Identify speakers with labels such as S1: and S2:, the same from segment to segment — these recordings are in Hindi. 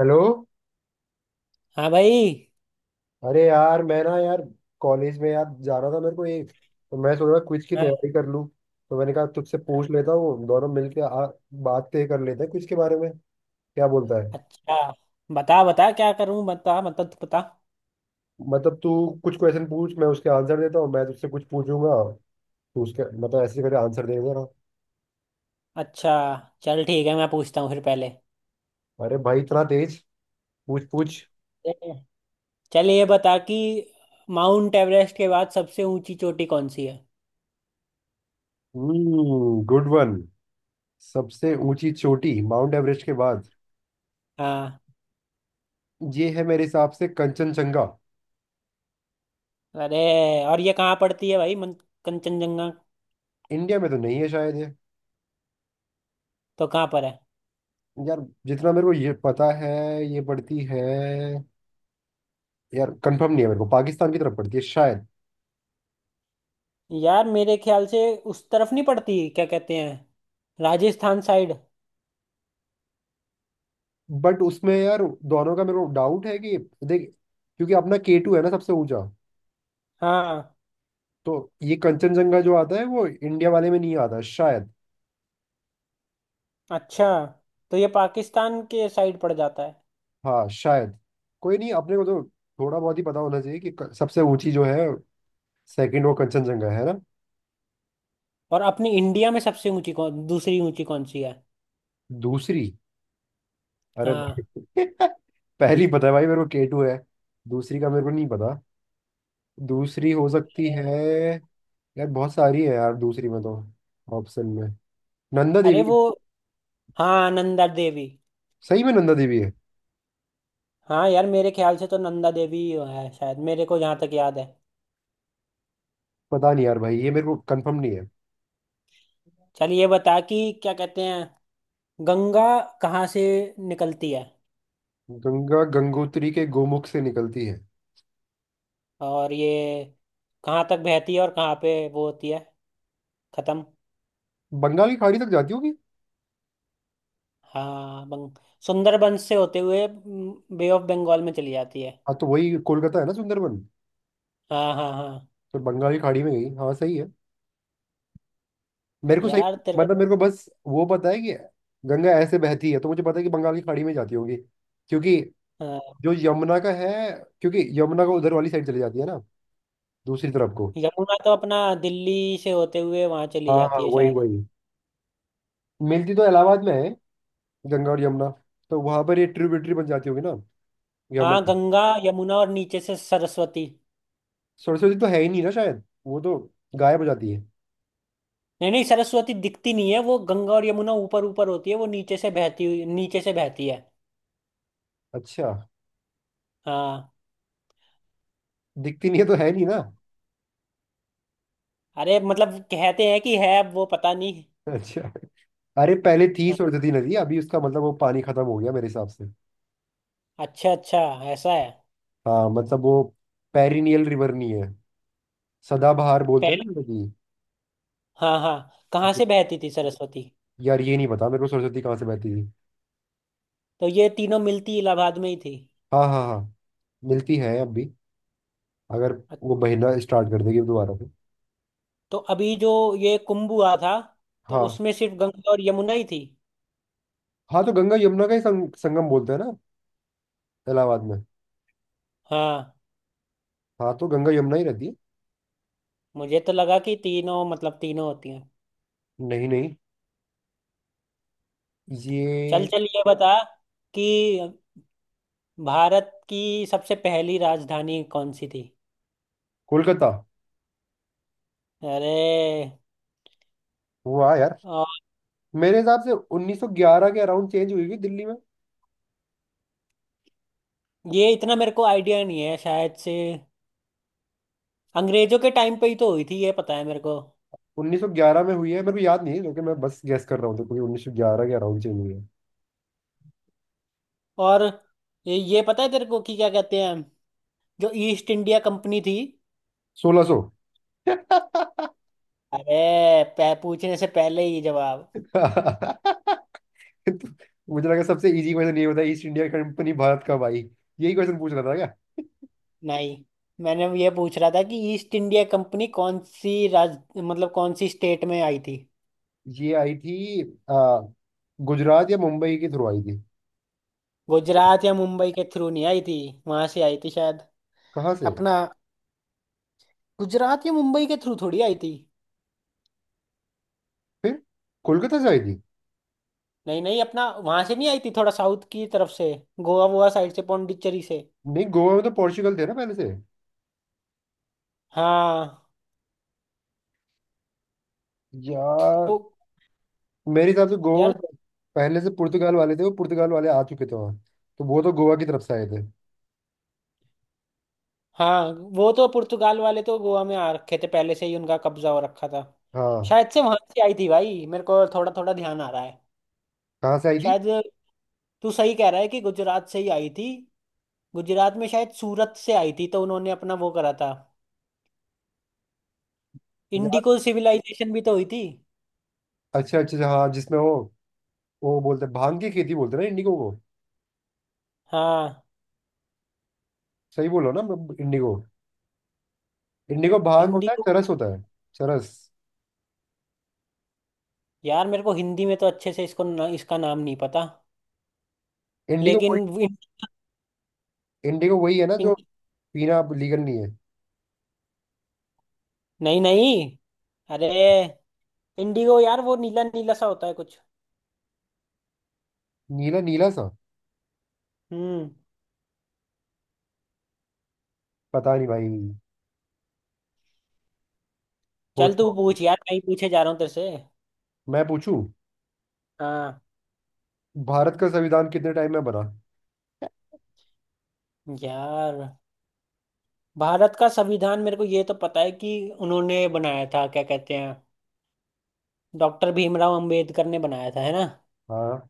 S1: हेलो।
S2: हाँ भाई।
S1: अरे यार, मैं ना यार कॉलेज में यार जा रहा था। मेरे को एक, तो मैं सोच रहा क्विज की
S2: हाँ।
S1: तैयारी कर लूँ। तो मैंने कहा तुझसे पूछ लेता हूँ दोनों मिलके आ, बात तय कर लेते हैं क्विज के बारे में। क्या बोलता है?
S2: अच्छा, बता बता, क्या करूं बता, मतलब तू बता।
S1: मतलब, तू कुछ क्वेश्चन पूछ, मैं उसके आंसर देता हूँ। मैं तुझसे कुछ पूछूंगा, तू उसके मतलब ऐसे करके आंसर दे देना।
S2: अच्छा, चल ठीक है, मैं पूछता हूँ फिर पहले।
S1: अरे भाई, इतना तेज! पूछ पूछ।
S2: ठीक है। चल ये बता कि माउंट एवरेस्ट के बाद सबसे ऊंची चोटी कौन सी है।
S1: हम्म, गुड वन। सबसे ऊंची चोटी माउंट एवरेस्ट के बाद,
S2: हाँ।
S1: ये है मेरे हिसाब से कंचनजंगा।
S2: अरे, और ये कहाँ पड़ती है भाई? कंचनजंगा
S1: इंडिया में तो नहीं है शायद ये।
S2: तो कहाँ पर है?
S1: यार, जितना मेरे को ये पता है, ये पड़ती है, यार कंफर्म नहीं है मेरे को, पाकिस्तान की तरफ पड़ती है शायद।
S2: यार मेरे ख्याल से उस तरफ नहीं पड़ती, क्या कहते हैं, राजस्थान साइड।
S1: बट उसमें यार, दोनों का मेरे को डाउट है कि देख, क्योंकि अपना के टू है ना सबसे ऊंचा।
S2: हाँ,
S1: तो ये कंचनजंगा जो आता है वो इंडिया वाले में नहीं आता शायद।
S2: अच्छा, तो ये पाकिस्तान के साइड पड़ जाता है।
S1: हाँ शायद। कोई नहीं, अपने को तो थोड़ा बहुत ही पता होना चाहिए कि सबसे ऊंची जो है सेकंड वो कंचनजंगा है ना।
S2: और अपनी इंडिया में सबसे ऊंची कौन, दूसरी ऊंची कौन सी है?
S1: दूसरी? अरे भाई
S2: हाँ,
S1: पहली पता है भाई, मेरे को के टू है। दूसरी का मेरे को नहीं पता, दूसरी हो सकती है, यार बहुत सारी है यार दूसरी में तो, ऑप्शन में नंदा
S2: अरे
S1: देवी।
S2: वो, हाँ नंदा देवी।
S1: सही में नंदा देवी है?
S2: हाँ यार, मेरे ख्याल से तो नंदा देवी ही है शायद, मेरे को जहाँ तक याद है।
S1: पता नहीं यार भाई, ये मेरे को कंफर्म नहीं है।
S2: चल ये बता कि, क्या कहते हैं, गंगा कहाँ से निकलती है?
S1: गंगा गंगोत्री के गोमुख से निकलती है।
S2: और ये कहाँ तक बहती है और कहाँ पे वो होती है खत्म?
S1: बंगाल की खाड़ी तक जाती होगी।
S2: हाँ बंग सुंदरबन से होते हुए बे ऑफ बंगाल में चली जाती है।
S1: हाँ तो वही कोलकाता है ना, सुंदरबन।
S2: हाँ हाँ हाँ।
S1: तो बंगाल की खाड़ी में गई, हाँ सही है मेरे को, सही।
S2: यार तेरे को।
S1: मतलब मेरे को बस वो पता है कि गंगा ऐसे बहती है, तो मुझे पता है कि बंगाल की खाड़ी में जाती होगी, क्योंकि
S2: हाँ,
S1: जो यमुना का है, क्योंकि यमुना का उधर वाली साइड चली जाती है ना, दूसरी तरफ को।
S2: यमुना तो अपना दिल्ली से होते हुए वहां चली
S1: हाँ हाँ,
S2: जाती है
S1: वही
S2: शायद।
S1: वही। मिलती तो इलाहाबाद में है, गंगा और यमुना। तो वहां पर ये ट्रिब्यूटरी बन जाती होगी ना,
S2: हाँ,
S1: यमुना।
S2: गंगा यमुना और नीचे से सरस्वती।
S1: सरस्वती तो है ही नहीं ना शायद, वो तो गायब हो जाती है।
S2: नहीं नहीं, सरस्वती दिखती नहीं है, वो गंगा और यमुना ऊपर ऊपर होती है, वो नीचे से बहती हुई, नीचे से बहती है।
S1: अच्छा।
S2: हाँ।
S1: दिखती नहीं है तो है नहीं ना।
S2: अरे मतलब कहते हैं कि है, अब वो पता नहीं।
S1: अच्छा। अरे पहले थी
S2: हाँ,
S1: सरस्वती नदी, अभी उसका मतलब वो पानी खत्म हो गया मेरे हिसाब से।
S2: अच्छा अच्छा, ऐसा है।
S1: हाँ, मतलब वो पेरिनियल रिवर नहीं है, सदाबहार बोलते हैं
S2: पहले,
S1: ना नदी।
S2: हाँ हाँ, कहाँ से बहती थी सरस्वती?
S1: यार ये नहीं पता मेरे को सरस्वती कहाँ से बहती थी।
S2: तो ये तीनों मिलती इलाहाबाद में ही थी।
S1: हाँ हाँ हाँ। मिलती है अब भी अगर
S2: अ-
S1: वो बहना स्टार्ट कर देगी दोबारा से।
S2: तो अभी जो ये कुंभ हुआ था, तो
S1: हाँ।
S2: उसमें सिर्फ गंगा और यमुना ही थी।
S1: हाँ तो गंगा यमुना का ही संगम बोलते हैं ना, इलाहाबाद में।
S2: हाँ,
S1: हाँ तो गंगा यमुना ही रहती है।
S2: मुझे तो लगा कि तीनों, मतलब तीनों होती हैं।
S1: नहीं नहीं।
S2: चल
S1: ये
S2: चल ये बता कि भारत की सबसे पहली राजधानी कौन सी थी?
S1: कोलकाता
S2: अरे।
S1: हुआ यार,
S2: आ,
S1: मेरे हिसाब से 1911 के अराउंड चेंज हुई हुई दिल्ली में।
S2: ये इतना मेरे को आइडिया नहीं है शायद से। अंग्रेजों के टाइम पे ही तो हुई थी ये पता है मेरे को।
S1: 1911 में हुई है मेरे को याद नहीं है, क्योंकि मैं बस गैस कर रहा हूँ, क्योंकि 1911 के अराउंड चेंज हुई है।
S2: और ये पता है तेरे को कि, क्या कहते हैं, जो ईस्ट इंडिया कंपनी थी।
S1: 1600।
S2: अरे पूछने से पहले ही जवाब।
S1: मुझे लगा सबसे इजी क्वेश्चन ये होता है, ईस्ट इंडिया कंपनी भारत कब आई। यही क्वेश्चन पूछ रहा था क्या?
S2: नहीं, मैंने ये पूछ रहा था कि ईस्ट इंडिया कंपनी कौन सी राज, मतलब कौन सी स्टेट में आई थी।
S1: ये आई थी, आ, गुजरात या मुंबई के थ्रू आई थी।
S2: गुजरात या मुंबई के थ्रू नहीं आई थी, वहां से आई थी शायद।
S1: कहाँ से?
S2: अपना, गुजरात या मुंबई के थ्रू थोड़ी आई थी।
S1: फिर कोलकाता से आई थी?
S2: नहीं नहीं, अपना वहां से नहीं आई थी, थोड़ा साउथ की तरफ से, गोवा वोवा साइड से, पौंडीचेरी से।
S1: नहीं, गोवा में तो पोर्चुगल थे ना पहले से।
S2: हाँ।
S1: यार
S2: तो
S1: मेरे हिसाब से गोवा
S2: यार।
S1: में पहले से पुर्तगाल वाले थे, वो पुर्तगाल वाले आ चुके थे वहाँ, तो वो तो गोवा की तरफ से आए थे।
S2: हाँ, वो तो पुर्तगाल वाले तो गोवा में आ रखे थे पहले से ही, उनका कब्जा हो रखा था।
S1: हाँ।
S2: शायद से वहां से आई थी भाई, मेरे को थोड़ा थोड़ा ध्यान आ रहा है।
S1: कहाँ से आई थी
S2: शायद, तू सही कह रहा है कि गुजरात से ही आई थी। गुजरात में शायद सूरत से आई थी, तो उन्होंने अपना वो करा था।
S1: यार?
S2: इंडिको सिविलाइजेशन भी तो हुई थी।
S1: अच्छा अच्छा अच्छा, हाँ, जिसमें वो बोलते हैं, भांग की खेती बोलते हैं ना इंडिगो को।
S2: हाँ,
S1: सही बोलो ना, इंडिगो इंडिगो भांग होता है,
S2: इंडिको।
S1: चरस होता है। चरस।
S2: यार मेरे को हिंदी में तो अच्छे से इसको ना, इसका नाम नहीं पता।
S1: इंडिगो वही।
S2: लेकिन,
S1: इंडिगो वही है ना
S2: इन-
S1: जो पीना लीगल नहीं है।
S2: नहीं नहीं, अरे, इंडिगो यार वो नीला नीला सा होता है कुछ।
S1: नीला नीला सा।
S2: हम्म।
S1: पता नहीं भाई। हो
S2: चल तू
S1: तो।
S2: पूछ यार, मैं ही पूछे जा रहा हूँ तेरे से।
S1: मैं पूछूं?
S2: हाँ।
S1: भारत का संविधान कितने टाइम में बना?
S2: यार, भारत का संविधान मेरे को ये तो पता है कि उन्होंने बनाया था, क्या कहते हैं, डॉक्टर भीमराव अंबेडकर ने बनाया था है ना।
S1: हाँ,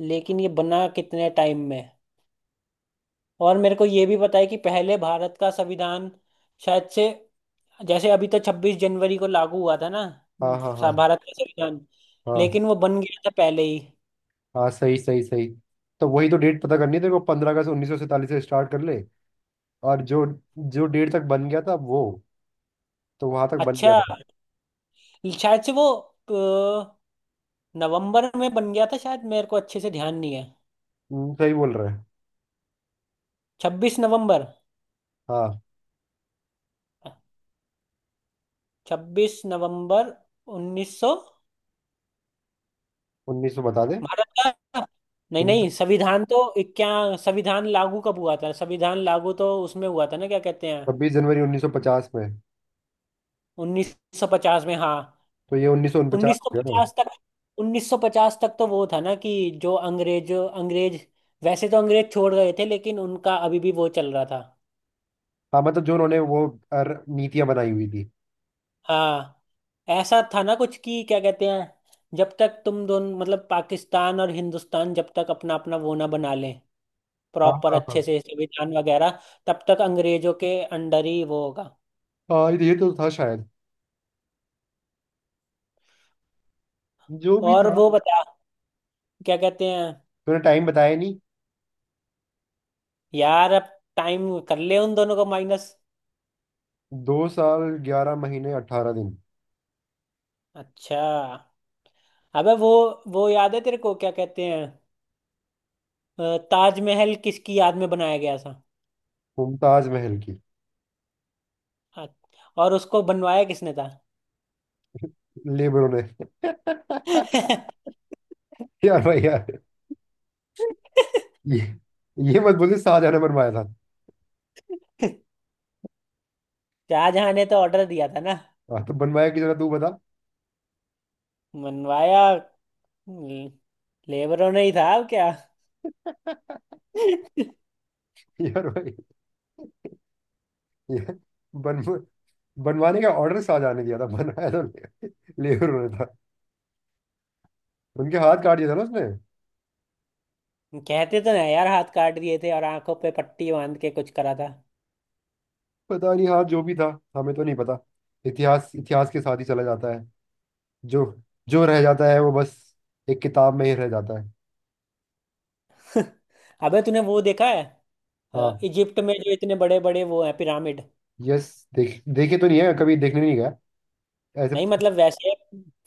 S2: लेकिन ये बना कितने टाइम में? और मेरे को ये भी पता है कि पहले भारत का संविधान शायद से, जैसे अभी तो 26 जनवरी को लागू हुआ था ना,
S1: हाँ हाँ हाँ
S2: भारत का संविधान।
S1: हाँ।
S2: लेकिन वो बन गया था पहले ही।
S1: हाँ सही सही सही। तो वही तो डेट पता करनी है तेरे को, 15 अगस्त 1947 से स्टार्ट कर ले। और जो जो डेट तक बन गया था वो, तो वहां तक बन गया
S2: अच्छा,
S1: था।
S2: शायद से वो, अ, नवंबर में बन गया था शायद, मेरे को अच्छे से ध्यान नहीं है।
S1: सही बोल रहा है।
S2: 26 नवंबर।
S1: हाँ।
S2: 26 नवंबर 1900।
S1: 1900 बता दे।
S2: भारत का, नहीं नहीं संविधान तो, क्या, संविधान लागू कब हुआ था? संविधान लागू तो उसमें हुआ था ना, क्या कहते हैं,
S1: 26 जनवरी 1950 में।
S2: 1950 में। हाँ,
S1: तो ये 1949
S2: उन्नीस
S1: हो
S2: सौ
S1: गया ना।
S2: पचास तक। 1950 तक तो वो था ना कि जो अंग्रेज अंग्रेज, वैसे तो अंग्रेज छोड़ गए थे, लेकिन उनका अभी भी वो चल रहा था।
S1: हाँ, मतलब जो उन्होंने वो नीतियां बनाई हुई थी।
S2: हाँ, ऐसा था ना कुछ कि, क्या कहते हैं, जब तक तुम दोनों, मतलब पाकिस्तान और हिंदुस्तान, जब तक अपना अपना वो ना बना लें,
S1: हाँ
S2: प्रॉपर
S1: हाँ हाँ
S2: अच्छे से संविधान वगैरह, तब तक अंग्रेजों के अंडर ही वो होगा।
S1: हाँ, ये तो था शायद, जो भी
S2: और
S1: था।
S2: वो बता, क्या कहते हैं।
S1: तूने टाइम बताया नहीं।
S2: यार अब, टाइम कर ले उन दोनों को माइनस।
S1: 2 साल 11 महीने 18 दिन।
S2: अच्छा। अबे वो याद है तेरे को, क्या कहते हैं, ताजमहल किसकी याद में बनाया गया था?
S1: मुमताज महल की।
S2: अ- और उसको बनवाया किसने था?
S1: लेबरों ने यार भाई यार, ये ये मत बोले शाहजहां ने बनवाया था।
S2: शाहजहां ने तो ऑर्डर दिया था ना।
S1: हाँ तो बनवाया की जरा तू बता।
S2: मनवाया, ल- लेबरों ने ही था अब क्या।
S1: यार भाई, ये बन बनवाने का ऑर्डर शाहजहां ने दिया था, बनवाया तो लेबर ने था। उनके हाथ काट दिया था ना उसने।
S2: कहते तो ना यार, हाथ काट दिए थे और आंखों पे पट्टी बांध के कुछ करा था।
S1: पता नहीं, हाथ जो भी था, हमें तो नहीं पता। इतिहास इतिहास के साथ ही चला जाता है, जो जो रह जाता है वो बस एक किताब में ही रह जाता है।
S2: अबे तूने वो देखा है,
S1: हाँ।
S2: इजिप्ट में जो इतने बड़े बड़े वो हैं, पिरामिड।
S1: यस। देखे तो नहीं है, कभी देखने नहीं गया ऐसे।
S2: नहीं मतलब वैसे,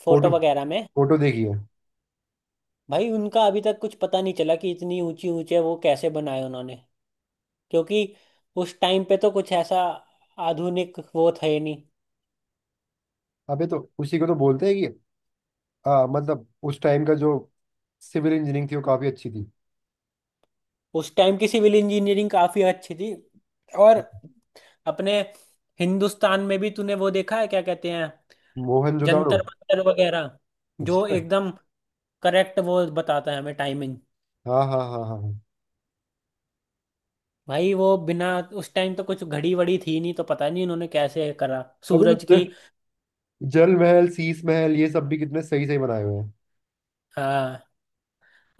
S2: फोटो
S1: फोटो,
S2: वगैरह में।
S1: फोटो देखी है।
S2: भाई उनका अभी तक कुछ पता नहीं चला कि इतनी ऊंची ऊंचे वो कैसे बनाए उन्होंने, क्योंकि उस टाइम पे तो कुछ ऐसा आधुनिक वो थे नहीं।
S1: अबे तो उसी को तो बोलते हैं कि मतलब उस टाइम का जो सिविल इंजीनियरिंग थी वो काफी अच्छी थी।
S2: उस टाइम की सिविल इंजीनियरिंग काफी अच्छी थी। और अपने हिंदुस्तान में भी तूने वो देखा है, क्या कहते हैं,
S1: मोहनजोदाड़ो।
S2: जंतर मंतर वगैरह, जो
S1: अच्छा।
S2: एकदम करेक्ट वो बताता है हमें, टाइमिंग।
S1: हाँ हाँ हाँ हाँ हाँ।
S2: भाई वो बिना, उस टाइम तो कुछ घड़ी वड़ी थी नहीं, तो पता नहीं उन्होंने कैसे करा,
S1: अबे
S2: सूरज
S1: तो
S2: की।
S1: जल जल महल, शीश महल, ये सब भी कितने सही सही बनाए हुए हैं।
S2: हाँ,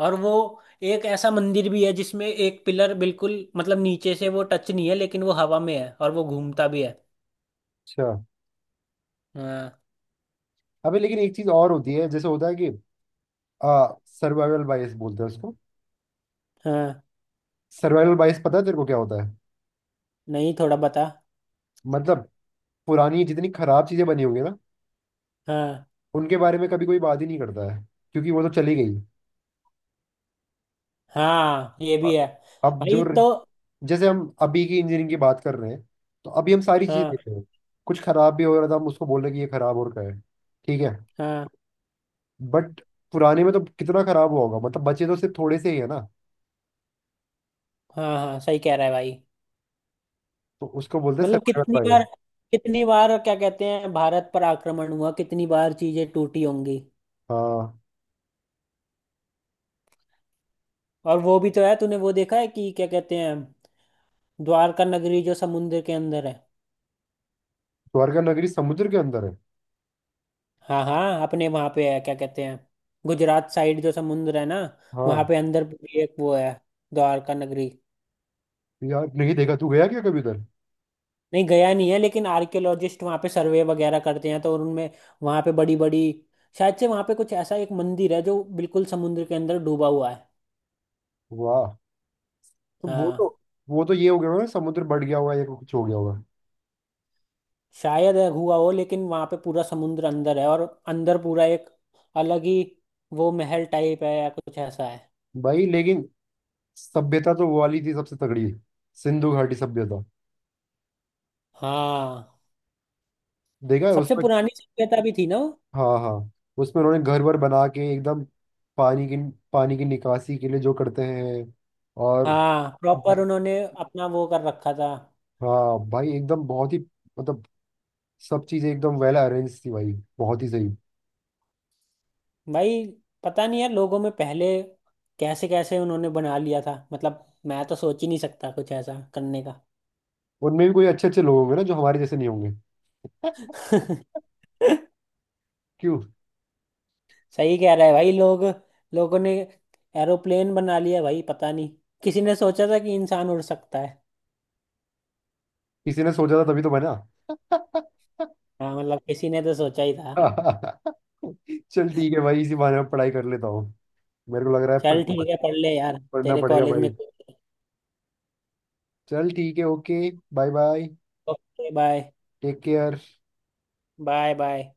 S2: और वो एक ऐसा मंदिर भी है जिसमें एक पिलर बिल्कुल, मतलब नीचे से वो टच नहीं है लेकिन वो हवा में है, और वो घूमता भी है।
S1: अच्छा।
S2: हाँ।
S1: अबे लेकिन एक चीज और होती है, जैसे होता है कि आ, सर्वाइवल बायस बोलते हैं उसको।
S2: हाँ,
S1: सर्वाइवल बायस पता है तेरे को क्या होता है?
S2: नहीं थोड़ा बता।
S1: मतलब पुरानी जितनी खराब चीजें बनी होंगी ना,
S2: हाँ।
S1: उनके बारे में कभी कोई बात ही नहीं करता है, क्योंकि वो तो चली गई।
S2: हाँ, ये
S1: अ-
S2: भी है।
S1: अब
S2: भाई
S1: जो,
S2: तो,
S1: जैसे हम अभी की इंजीनियरिंग की बात कर रहे हैं, तो अभी हम सारी चीज़ें
S2: हाँ
S1: देख रहे हैं। कुछ खराब भी हो रहा था हम उसको बोल रहे कि ये खराब हो रखा है, ठीक है।
S2: हाँ
S1: बट पुराने में तो कितना खराब हुआ होगा, मतलब बचे तो सिर्फ थोड़े से ही है ना।
S2: हाँ। हाँ सही कह रहा है भाई।
S1: तो उसको बोलते हैं
S2: मतलब
S1: सर्वाइवल
S2: कितनी
S1: बायस।
S2: बार, कितनी बार, क्या कहते हैं, भारत पर आक्रमण हुआ, कितनी बार चीजें टूटी होंगी।
S1: हाँ।
S2: और वो भी तो है, तूने वो देखा है कि, क्या कहते हैं, द्वारका नगरी जो समुद्र के अंदर है।
S1: द्वारका नगरी समुद्र के अंदर है।
S2: हाँ हाँ, अपने वहां पे है, क्या कहते हैं, गुजरात साइड जो समुद्र है ना, वहां
S1: हाँ।
S2: पे अंदर भी एक वो है, द्वारका नगरी।
S1: यार नहीं देखा। तू गया क्या कभी उधर?
S2: नहीं गया नहीं है, लेकिन आर्कियोलॉजिस्ट वहाँ पे सर्वे वगैरह करते हैं, तो उनमें वहाँ पे बड़ी बड़ी, शायद से वहाँ पे कुछ ऐसा एक मंदिर है जो बिल्कुल समुद्र के अंदर डूबा हुआ है।
S1: वाह। तो वो
S2: हाँ,
S1: तो वो तो ये हो गया होगा ना, समुद्र बढ़ गया होगा या कुछ हो गया होगा।
S2: शायद है हुआ हो, लेकिन वहाँ पे पूरा समुद्र अंदर है, और अंदर पूरा एक अलग ही वो, महल टाइप है या कुछ ऐसा है।
S1: भाई लेकिन सभ्यता तो वो वाली थी सबसे तगड़ी, सिंधु घाटी सभ्यता।
S2: हाँ,
S1: देखा है उस
S2: सबसे
S1: पर?
S2: पुरानी सभ्यता भी थी ना वो।
S1: हाँ हाँ। उसमें उन्होंने घर वर बना के एकदम पानी की पानी की निकासी के लिए जो करते हैं, और
S2: हाँ प्रॉपर
S1: भाई-
S2: उन्होंने अपना वो कर रखा था।
S1: हाँ भाई, एकदम बहुत ही मतलब, सब चीजें एकदम वेल अरेंज थी भाई, बहुत ही सही।
S2: भाई पता नहीं यार, लोगों में पहले कैसे कैसे उन्होंने बना लिया था, मतलब मैं तो सोच ही नहीं सकता कुछ ऐसा करने का।
S1: उनमें भी कोई अच्छे अच्छे लोग होंगे ना, जो हमारे जैसे नहीं होंगे। क्यों?
S2: सही कह रहा है भाई। लोग, लोगों ने एरोप्लेन बना लिया भाई, पता नहीं किसी ने सोचा था कि इंसान उड़ सकता है।
S1: किसी ने सोचा था तभी तो बना।
S2: हाँ मतलब किसी ने तो सोचा ही था।
S1: चल ठीक है भाई, इसी बहाने में पढ़ाई कर लेता हूँ, मेरे को लग रहा है
S2: चल ठीक है, पढ़ ले यार
S1: पढ़ना
S2: तेरे
S1: पड़ेगा
S2: कॉलेज
S1: भाई।
S2: में।
S1: चल ठीक है, okay. Bye bye.
S2: Okay, bye
S1: take care.
S2: Bye. Bye.